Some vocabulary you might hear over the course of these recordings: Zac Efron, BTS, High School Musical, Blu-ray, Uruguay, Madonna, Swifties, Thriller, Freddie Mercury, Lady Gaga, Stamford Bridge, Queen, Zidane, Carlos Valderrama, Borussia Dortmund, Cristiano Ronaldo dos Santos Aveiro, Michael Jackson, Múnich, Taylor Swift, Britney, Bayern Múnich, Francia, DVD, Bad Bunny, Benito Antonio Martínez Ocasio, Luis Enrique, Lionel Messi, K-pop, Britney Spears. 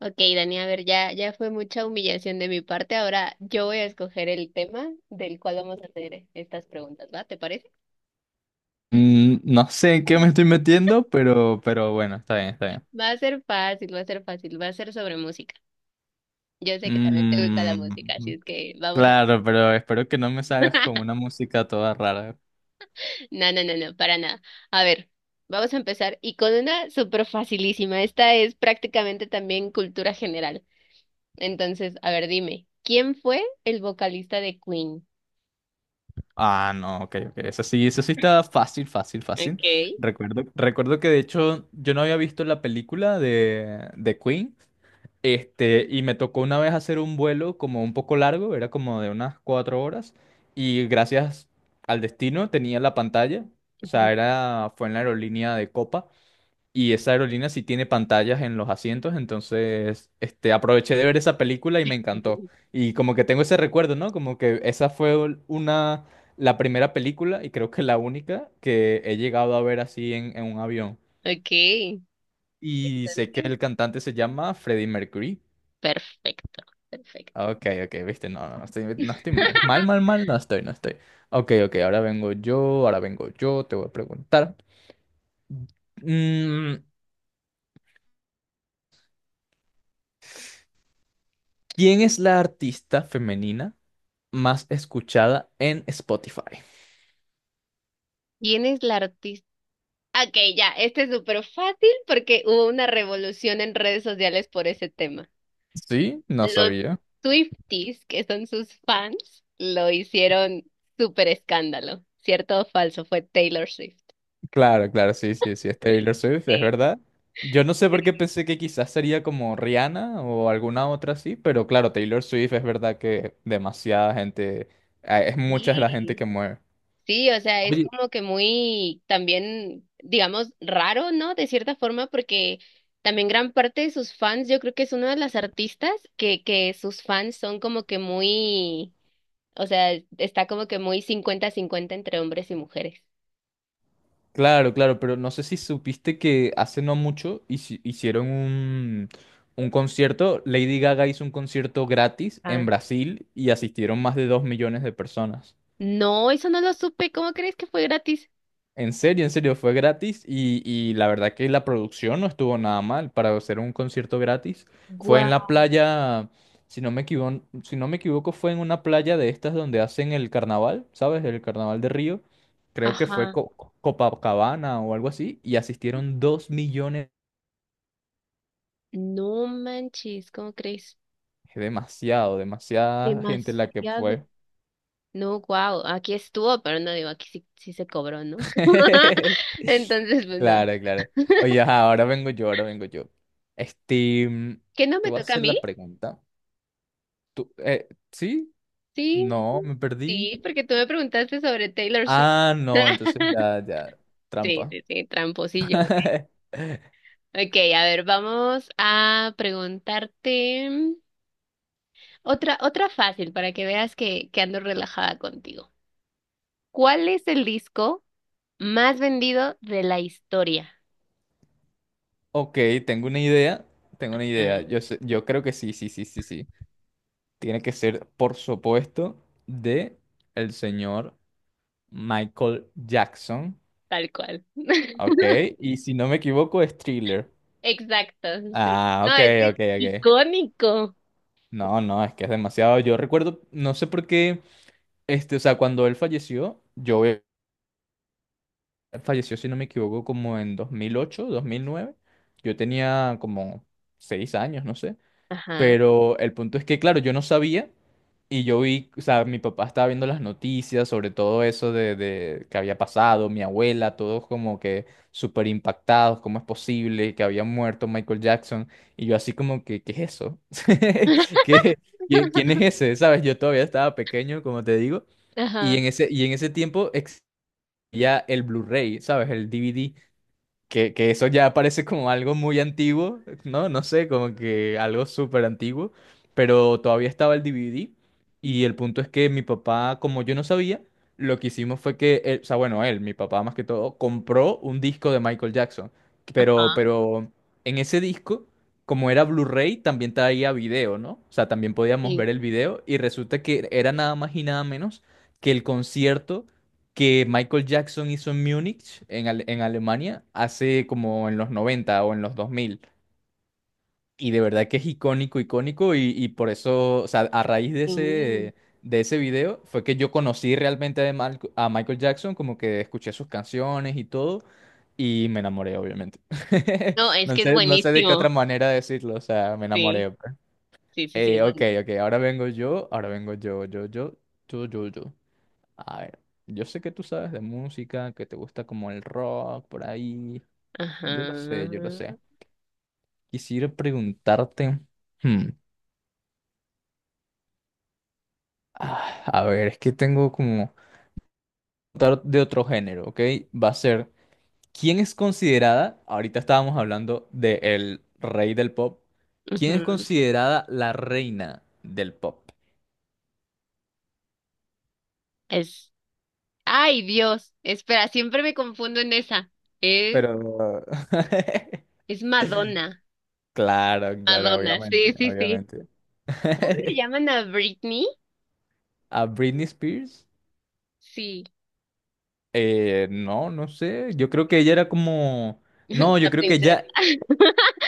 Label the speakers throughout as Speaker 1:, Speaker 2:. Speaker 1: Ok, Dani, a ver, ya, ya fue mucha humillación de mi parte. Ahora yo voy a escoger el tema del cual vamos a hacer estas preguntas, ¿va? ¿Te parece?
Speaker 2: No sé en qué me estoy metiendo, pero, bueno, está bien, está bien.
Speaker 1: Va a ser fácil, va a ser fácil, va a ser sobre música. Yo sé que también te gusta la música, así
Speaker 2: Mm,
Speaker 1: es que vamos a...
Speaker 2: claro, pero espero que no me salgas con una música toda rara.
Speaker 1: No, no, no, no, para nada. A ver, vamos a empezar y con una súper facilísima. Esta es prácticamente también cultura general. Entonces, a ver, dime, ¿quién fue el vocalista de Queen?
Speaker 2: Ah, no, ok, ok. Eso sí está fácil, fácil, fácil.
Speaker 1: Ok.
Speaker 2: Recuerdo que de hecho yo no había visto la película de Queen. Este, y me tocó una vez hacer un vuelo como un poco largo, era como de unas cuatro horas. Y gracias al destino tenía la pantalla. O sea, era, fue en la aerolínea de Copa. Y esa aerolínea sí tiene pantallas en los asientos, entonces este, aproveché de ver esa película y me encantó. Y como que tengo ese recuerdo, ¿no? Como que esa fue una, la primera película y creo que la única que he llegado a ver así en, un avión.
Speaker 1: Ok.
Speaker 2: Y sé que
Speaker 1: Entonces,
Speaker 2: el cantante se llama Freddie Mercury.
Speaker 1: perfecto, perfecto.
Speaker 2: Ah, ok, ok, viste, no, no, no estoy, no estoy mal. Mal, mal, mal, no estoy, no estoy. Ok, ok, ahora vengo yo, te voy a preguntar. Mm, ¿Quién es la artista femenina más escuchada en Spotify?
Speaker 1: ¿Quién es la artista? Ok, ya, este es súper fácil porque hubo una revolución en redes sociales por ese tema.
Speaker 2: Sí, no
Speaker 1: Los
Speaker 2: sabía.
Speaker 1: Swifties, que son sus fans, lo hicieron súper escándalo. ¿Cierto o falso? Fue Taylor Swift.
Speaker 2: Claro, claro, sí, sí, sí, es Taylor Swift, es
Speaker 1: Sí,
Speaker 2: verdad. Yo no sé por qué pensé que quizás sería como Rihanna o alguna otra así, pero claro, Taylor Swift, es verdad que demasiada gente, es mucha la gente
Speaker 1: sí.
Speaker 2: que mueve.
Speaker 1: Sí, o sea, es
Speaker 2: Oye,
Speaker 1: como que muy también, digamos, raro, ¿no? De cierta forma, porque también gran parte de sus fans, yo creo que es una de las artistas que sus fans son como que muy, o sea, está como que muy cincuenta cincuenta entre hombres y mujeres.
Speaker 2: claro, claro, pero no sé si supiste que hace no mucho hicieron un concierto, Lady Gaga hizo un concierto gratis en
Speaker 1: Ah.
Speaker 2: Brasil y asistieron más de 2 millones de personas.
Speaker 1: No, eso no lo supe, ¿cómo crees que fue gratis?
Speaker 2: En serio, fue gratis y la verdad que la producción no estuvo nada mal para hacer un concierto gratis. Fue en la
Speaker 1: Guau,
Speaker 2: playa, si no me equivoco, si no me equivoco, fue en una playa de estas donde hacen el carnaval, ¿sabes? El carnaval de Río. Creo que fue
Speaker 1: ajá,
Speaker 2: Copacabana o algo así y asistieron dos millones.
Speaker 1: no manches, ¿cómo crees?
Speaker 2: Es demasiado, demasiada gente la que
Speaker 1: Demasiado.
Speaker 2: fue.
Speaker 1: No, wow, aquí estuvo, pero no digo, aquí sí, sí se cobró, ¿no? Entonces, pues no.
Speaker 2: Claro, claro. Oye, ajá, ahora vengo yo, ahora vengo yo. Este,
Speaker 1: ¿Que no
Speaker 2: te
Speaker 1: me
Speaker 2: voy a
Speaker 1: toca
Speaker 2: hacer
Speaker 1: a mí?
Speaker 2: la pregunta. ¿Sí?
Speaker 1: Sí,
Speaker 2: No, me perdí.
Speaker 1: sí, porque tú me preguntaste sobre Taylor Swift.
Speaker 2: Ah, no, entonces ya, ya,
Speaker 1: Sí,
Speaker 2: trampa.
Speaker 1: sí, sí, tramposillo. Ok, a ver, vamos a preguntarte otra fácil para que veas que ando relajada contigo. ¿Cuál es el disco más vendido de la historia?
Speaker 2: Ok, tengo una idea, tengo una idea.
Speaker 1: Ah,
Speaker 2: Yo creo que sí, sí, sí, sí, sí. Tiene que ser, por supuesto, de el señor Michael Jackson.
Speaker 1: tal cual.
Speaker 2: Ok, y si no me equivoco es Thriller.
Speaker 1: Exacto, sí.
Speaker 2: Ah,
Speaker 1: No,
Speaker 2: ok,
Speaker 1: es que
Speaker 2: ok,
Speaker 1: es
Speaker 2: ok.
Speaker 1: icónico.
Speaker 2: No, no, es que es demasiado. Yo recuerdo, no sé por qué, este, o sea, cuando él falleció, yo falleció, si no me equivoco, como en dos mil ocho, dos mil nueve. Yo tenía como seis años, no sé.
Speaker 1: Ajá.
Speaker 2: Pero el punto es que, claro, yo no sabía y yo vi, o sea, mi papá estaba viendo las noticias sobre todo eso de que había pasado, mi abuela, todos como que súper impactados, cómo es posible que había muerto Michael Jackson. Y yo así como que, ¿qué es eso? ¿Qué, quién es ese? ¿Sabes? Yo todavía estaba pequeño, como te digo. Y
Speaker 1: Ajá.
Speaker 2: en ese, tiempo ya el Blu-ray, ¿sabes? El DVD, que eso ya parece como algo muy antiguo, ¿no? No sé, como que algo súper antiguo, pero todavía estaba el DVD y el punto es que mi papá, como yo no sabía, lo que hicimos fue que, o sea, bueno, él, mi papá más que todo, compró un disco de Michael Jackson,
Speaker 1: Ajá.
Speaker 2: pero en ese disco... Como era Blu-ray, también traía video, ¿no? O sea, también podíamos
Speaker 1: Sí,
Speaker 2: ver el video y resulta que era nada más y nada menos que el concierto que Michael Jackson hizo en Múnich, en, en Alemania, hace como en los 90 o en los 2000. Y de verdad que es icónico, icónico, y por eso, o sea, a raíz
Speaker 1: sí.
Speaker 2: de ese video fue que yo conocí realmente a Michael Jackson, como que escuché sus canciones y todo, y me enamoré, obviamente.
Speaker 1: No, es
Speaker 2: No
Speaker 1: que es
Speaker 2: sé, no sé de qué otra
Speaker 1: buenísimo.
Speaker 2: manera decirlo, o sea, me
Speaker 1: Sí,
Speaker 2: enamoré, pues.
Speaker 1: sí, sí, sí, es
Speaker 2: Ok,
Speaker 1: buenísimo.
Speaker 2: ok, ahora vengo yo, yo, yo, yo, yo, yo. A ver, yo sé que tú sabes de música, que te gusta como el rock por ahí. Yo lo sé, yo lo
Speaker 1: Ajá.
Speaker 2: sé. Quisiera preguntarte, hmm, a ver, es que tengo como preguntar de otro género, ¿ok? Va a ser, ¿quién es considerada, ahorita estábamos hablando de el rey del pop, ¿quién es
Speaker 1: Ujú.
Speaker 2: considerada la reina del pop?
Speaker 1: Es. Ay, Dios. Espera, siempre me confundo en esa. Es,
Speaker 2: Pero...
Speaker 1: es Madonna.
Speaker 2: Claro, claro,
Speaker 1: Madonna,
Speaker 2: obviamente,
Speaker 1: sí, sí, sí.
Speaker 2: obviamente.
Speaker 1: ¿Cómo le llaman a Britney?
Speaker 2: ¿A Britney Spears?
Speaker 1: Sí,
Speaker 2: No, no sé. Yo creo que ella era como. No, yo
Speaker 1: la
Speaker 2: creo que
Speaker 1: princesa.
Speaker 2: ya.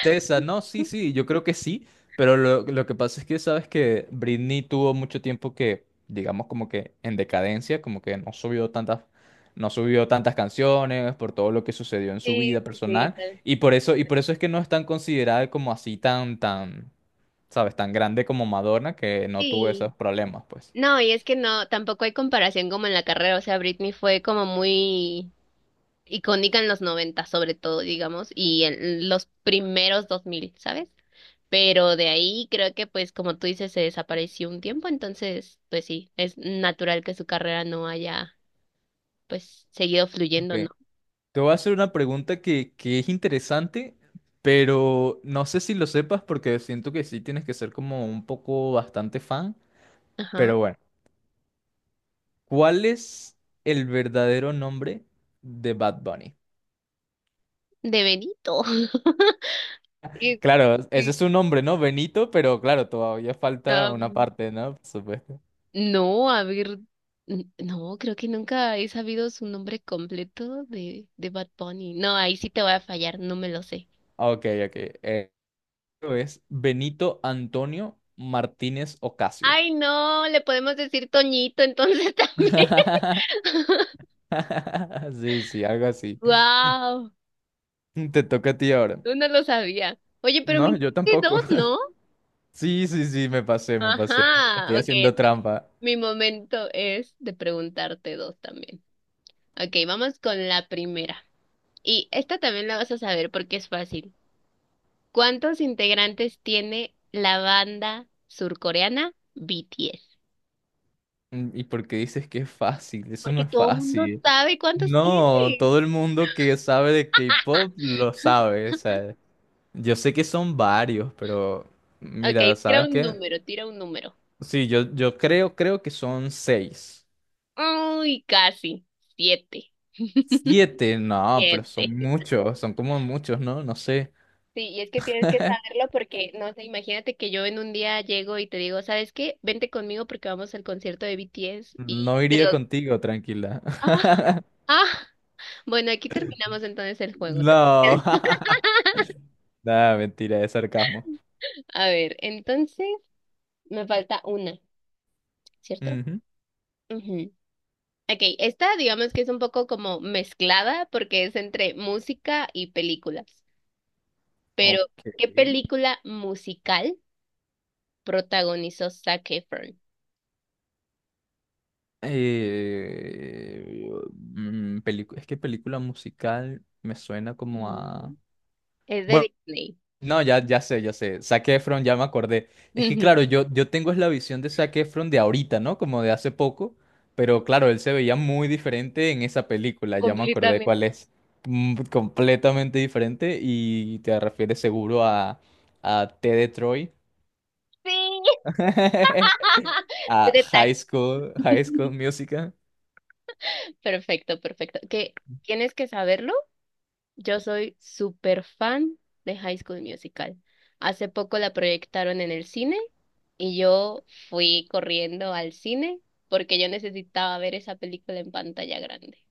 Speaker 2: Tessa, no, sí, sí, yo creo que sí. Pero lo que pasa es que sabes que Britney tuvo mucho tiempo que, digamos, como que en decadencia, como que no subió tantas, no subió tantas canciones por todo lo que sucedió en su vida
Speaker 1: Sí, sí, sí,
Speaker 2: personal.
Speaker 1: tal.
Speaker 2: Y por eso es que no es tan considerada como así tan, tan, sabes, tan grande como Madonna, que no tuvo esos
Speaker 1: Sí.
Speaker 2: problemas, pues.
Speaker 1: No, y es que no, tampoco hay comparación como en la carrera. O sea, Britney fue como muy icónica en los 90 sobre todo, digamos, y en los primeros dos mil, ¿sabes? Pero de ahí creo que pues como tú dices se desapareció un tiempo, entonces pues sí, es natural que su carrera no haya pues seguido fluyendo,
Speaker 2: Sí.
Speaker 1: ¿no?
Speaker 2: Te voy a hacer una pregunta que es interesante, pero no sé si lo sepas porque siento que sí tienes que ser como un poco bastante fan.
Speaker 1: Ajá.
Speaker 2: Pero bueno, ¿cuál es el verdadero nombre de Bad Bunny?
Speaker 1: De Benito. Este,
Speaker 2: Claro, ese es su nombre, ¿no? Benito, pero claro, todavía falta una
Speaker 1: am,
Speaker 2: parte, ¿no? Por supuesto.
Speaker 1: no, a ver, no, creo que nunca he sabido su nombre completo de Bad Bunny. No, ahí sí te voy a fallar, no me lo sé.
Speaker 2: Ah, ok, ok. Eh, es Benito Antonio Martínez Ocasio.
Speaker 1: Ay, no, le podemos decir Toñito entonces también.
Speaker 2: Sí, sí, algo así.
Speaker 1: Wow,
Speaker 2: Te toca a ti ahora.
Speaker 1: tú no lo sabía. Oye, pero me
Speaker 2: No, yo
Speaker 1: dijiste
Speaker 2: tampoco.
Speaker 1: dos, ¿no?
Speaker 2: Sí, sí, sí, me pasé, me pasé. Estoy
Speaker 1: Ajá, ok,
Speaker 2: haciendo
Speaker 1: entonces
Speaker 2: trampa.
Speaker 1: mi momento es de preguntarte dos también. Ok, vamos con la primera. Y esta también la vas a saber porque es fácil. ¿Cuántos integrantes tiene la banda surcoreana BTS?
Speaker 2: ¿Y por qué dices que es fácil? Eso no
Speaker 1: Porque
Speaker 2: es
Speaker 1: todo el mundo
Speaker 2: fácil.
Speaker 1: sabe cuántos
Speaker 2: No,
Speaker 1: tiene.
Speaker 2: todo el mundo que sabe de K-pop lo sabe. O sea, yo sé que son varios, pero
Speaker 1: Ok,
Speaker 2: mira,
Speaker 1: tira
Speaker 2: ¿sabes
Speaker 1: un
Speaker 2: qué?
Speaker 1: número, tira un número.
Speaker 2: Sí, yo creo, creo que son seis.
Speaker 1: Uy, casi. Siete,
Speaker 2: Siete, no, pero son
Speaker 1: siete.
Speaker 2: muchos, son como muchos, ¿no? No sé.
Speaker 1: Sí, y es que tienes que saberlo porque, no sé, imagínate que yo en un día llego y te digo, ¿sabes qué? Vente conmigo porque vamos al concierto de BTS y
Speaker 2: No
Speaker 1: te
Speaker 2: iría
Speaker 1: los...
Speaker 2: contigo, tranquila.
Speaker 1: Ah, ah, bueno, aquí terminamos entonces el juego.
Speaker 2: No.
Speaker 1: ¿Parece?
Speaker 2: Nada, mentira, es sarcasmo.
Speaker 1: A ver, entonces me falta una, ¿cierto?
Speaker 2: Ujú.
Speaker 1: Ujú. Ok, esta digamos que es un poco como mezclada porque es entre música y películas. Pero,
Speaker 2: Ok.
Speaker 1: ¿qué película musical protagonizó Zac Efron?
Speaker 2: Eh, es que película musical me suena como a...
Speaker 1: Mm. Es de
Speaker 2: Bueno,
Speaker 1: Disney.
Speaker 2: no, ya, ya sé, ya sé. Zac Efron, ya me acordé. Es que
Speaker 1: Ujú.
Speaker 2: claro, yo tengo es la visión de Zac Efron de ahorita, ¿no? Como de hace poco. Pero claro, él se veía muy diferente en esa película. Ya me acordé
Speaker 1: Completamente.
Speaker 2: cuál es. Mm, completamente diferente. Y te refieres seguro a T. de Troy.
Speaker 1: Sí, sé
Speaker 2: A
Speaker 1: de tag.
Speaker 2: High School Musical.
Speaker 1: Perfecto, perfecto. Que tienes que saberlo. Yo soy súper fan de High School Musical. Hace poco la proyectaron en el cine y yo fui corriendo al cine porque yo necesitaba ver esa película en pantalla grande.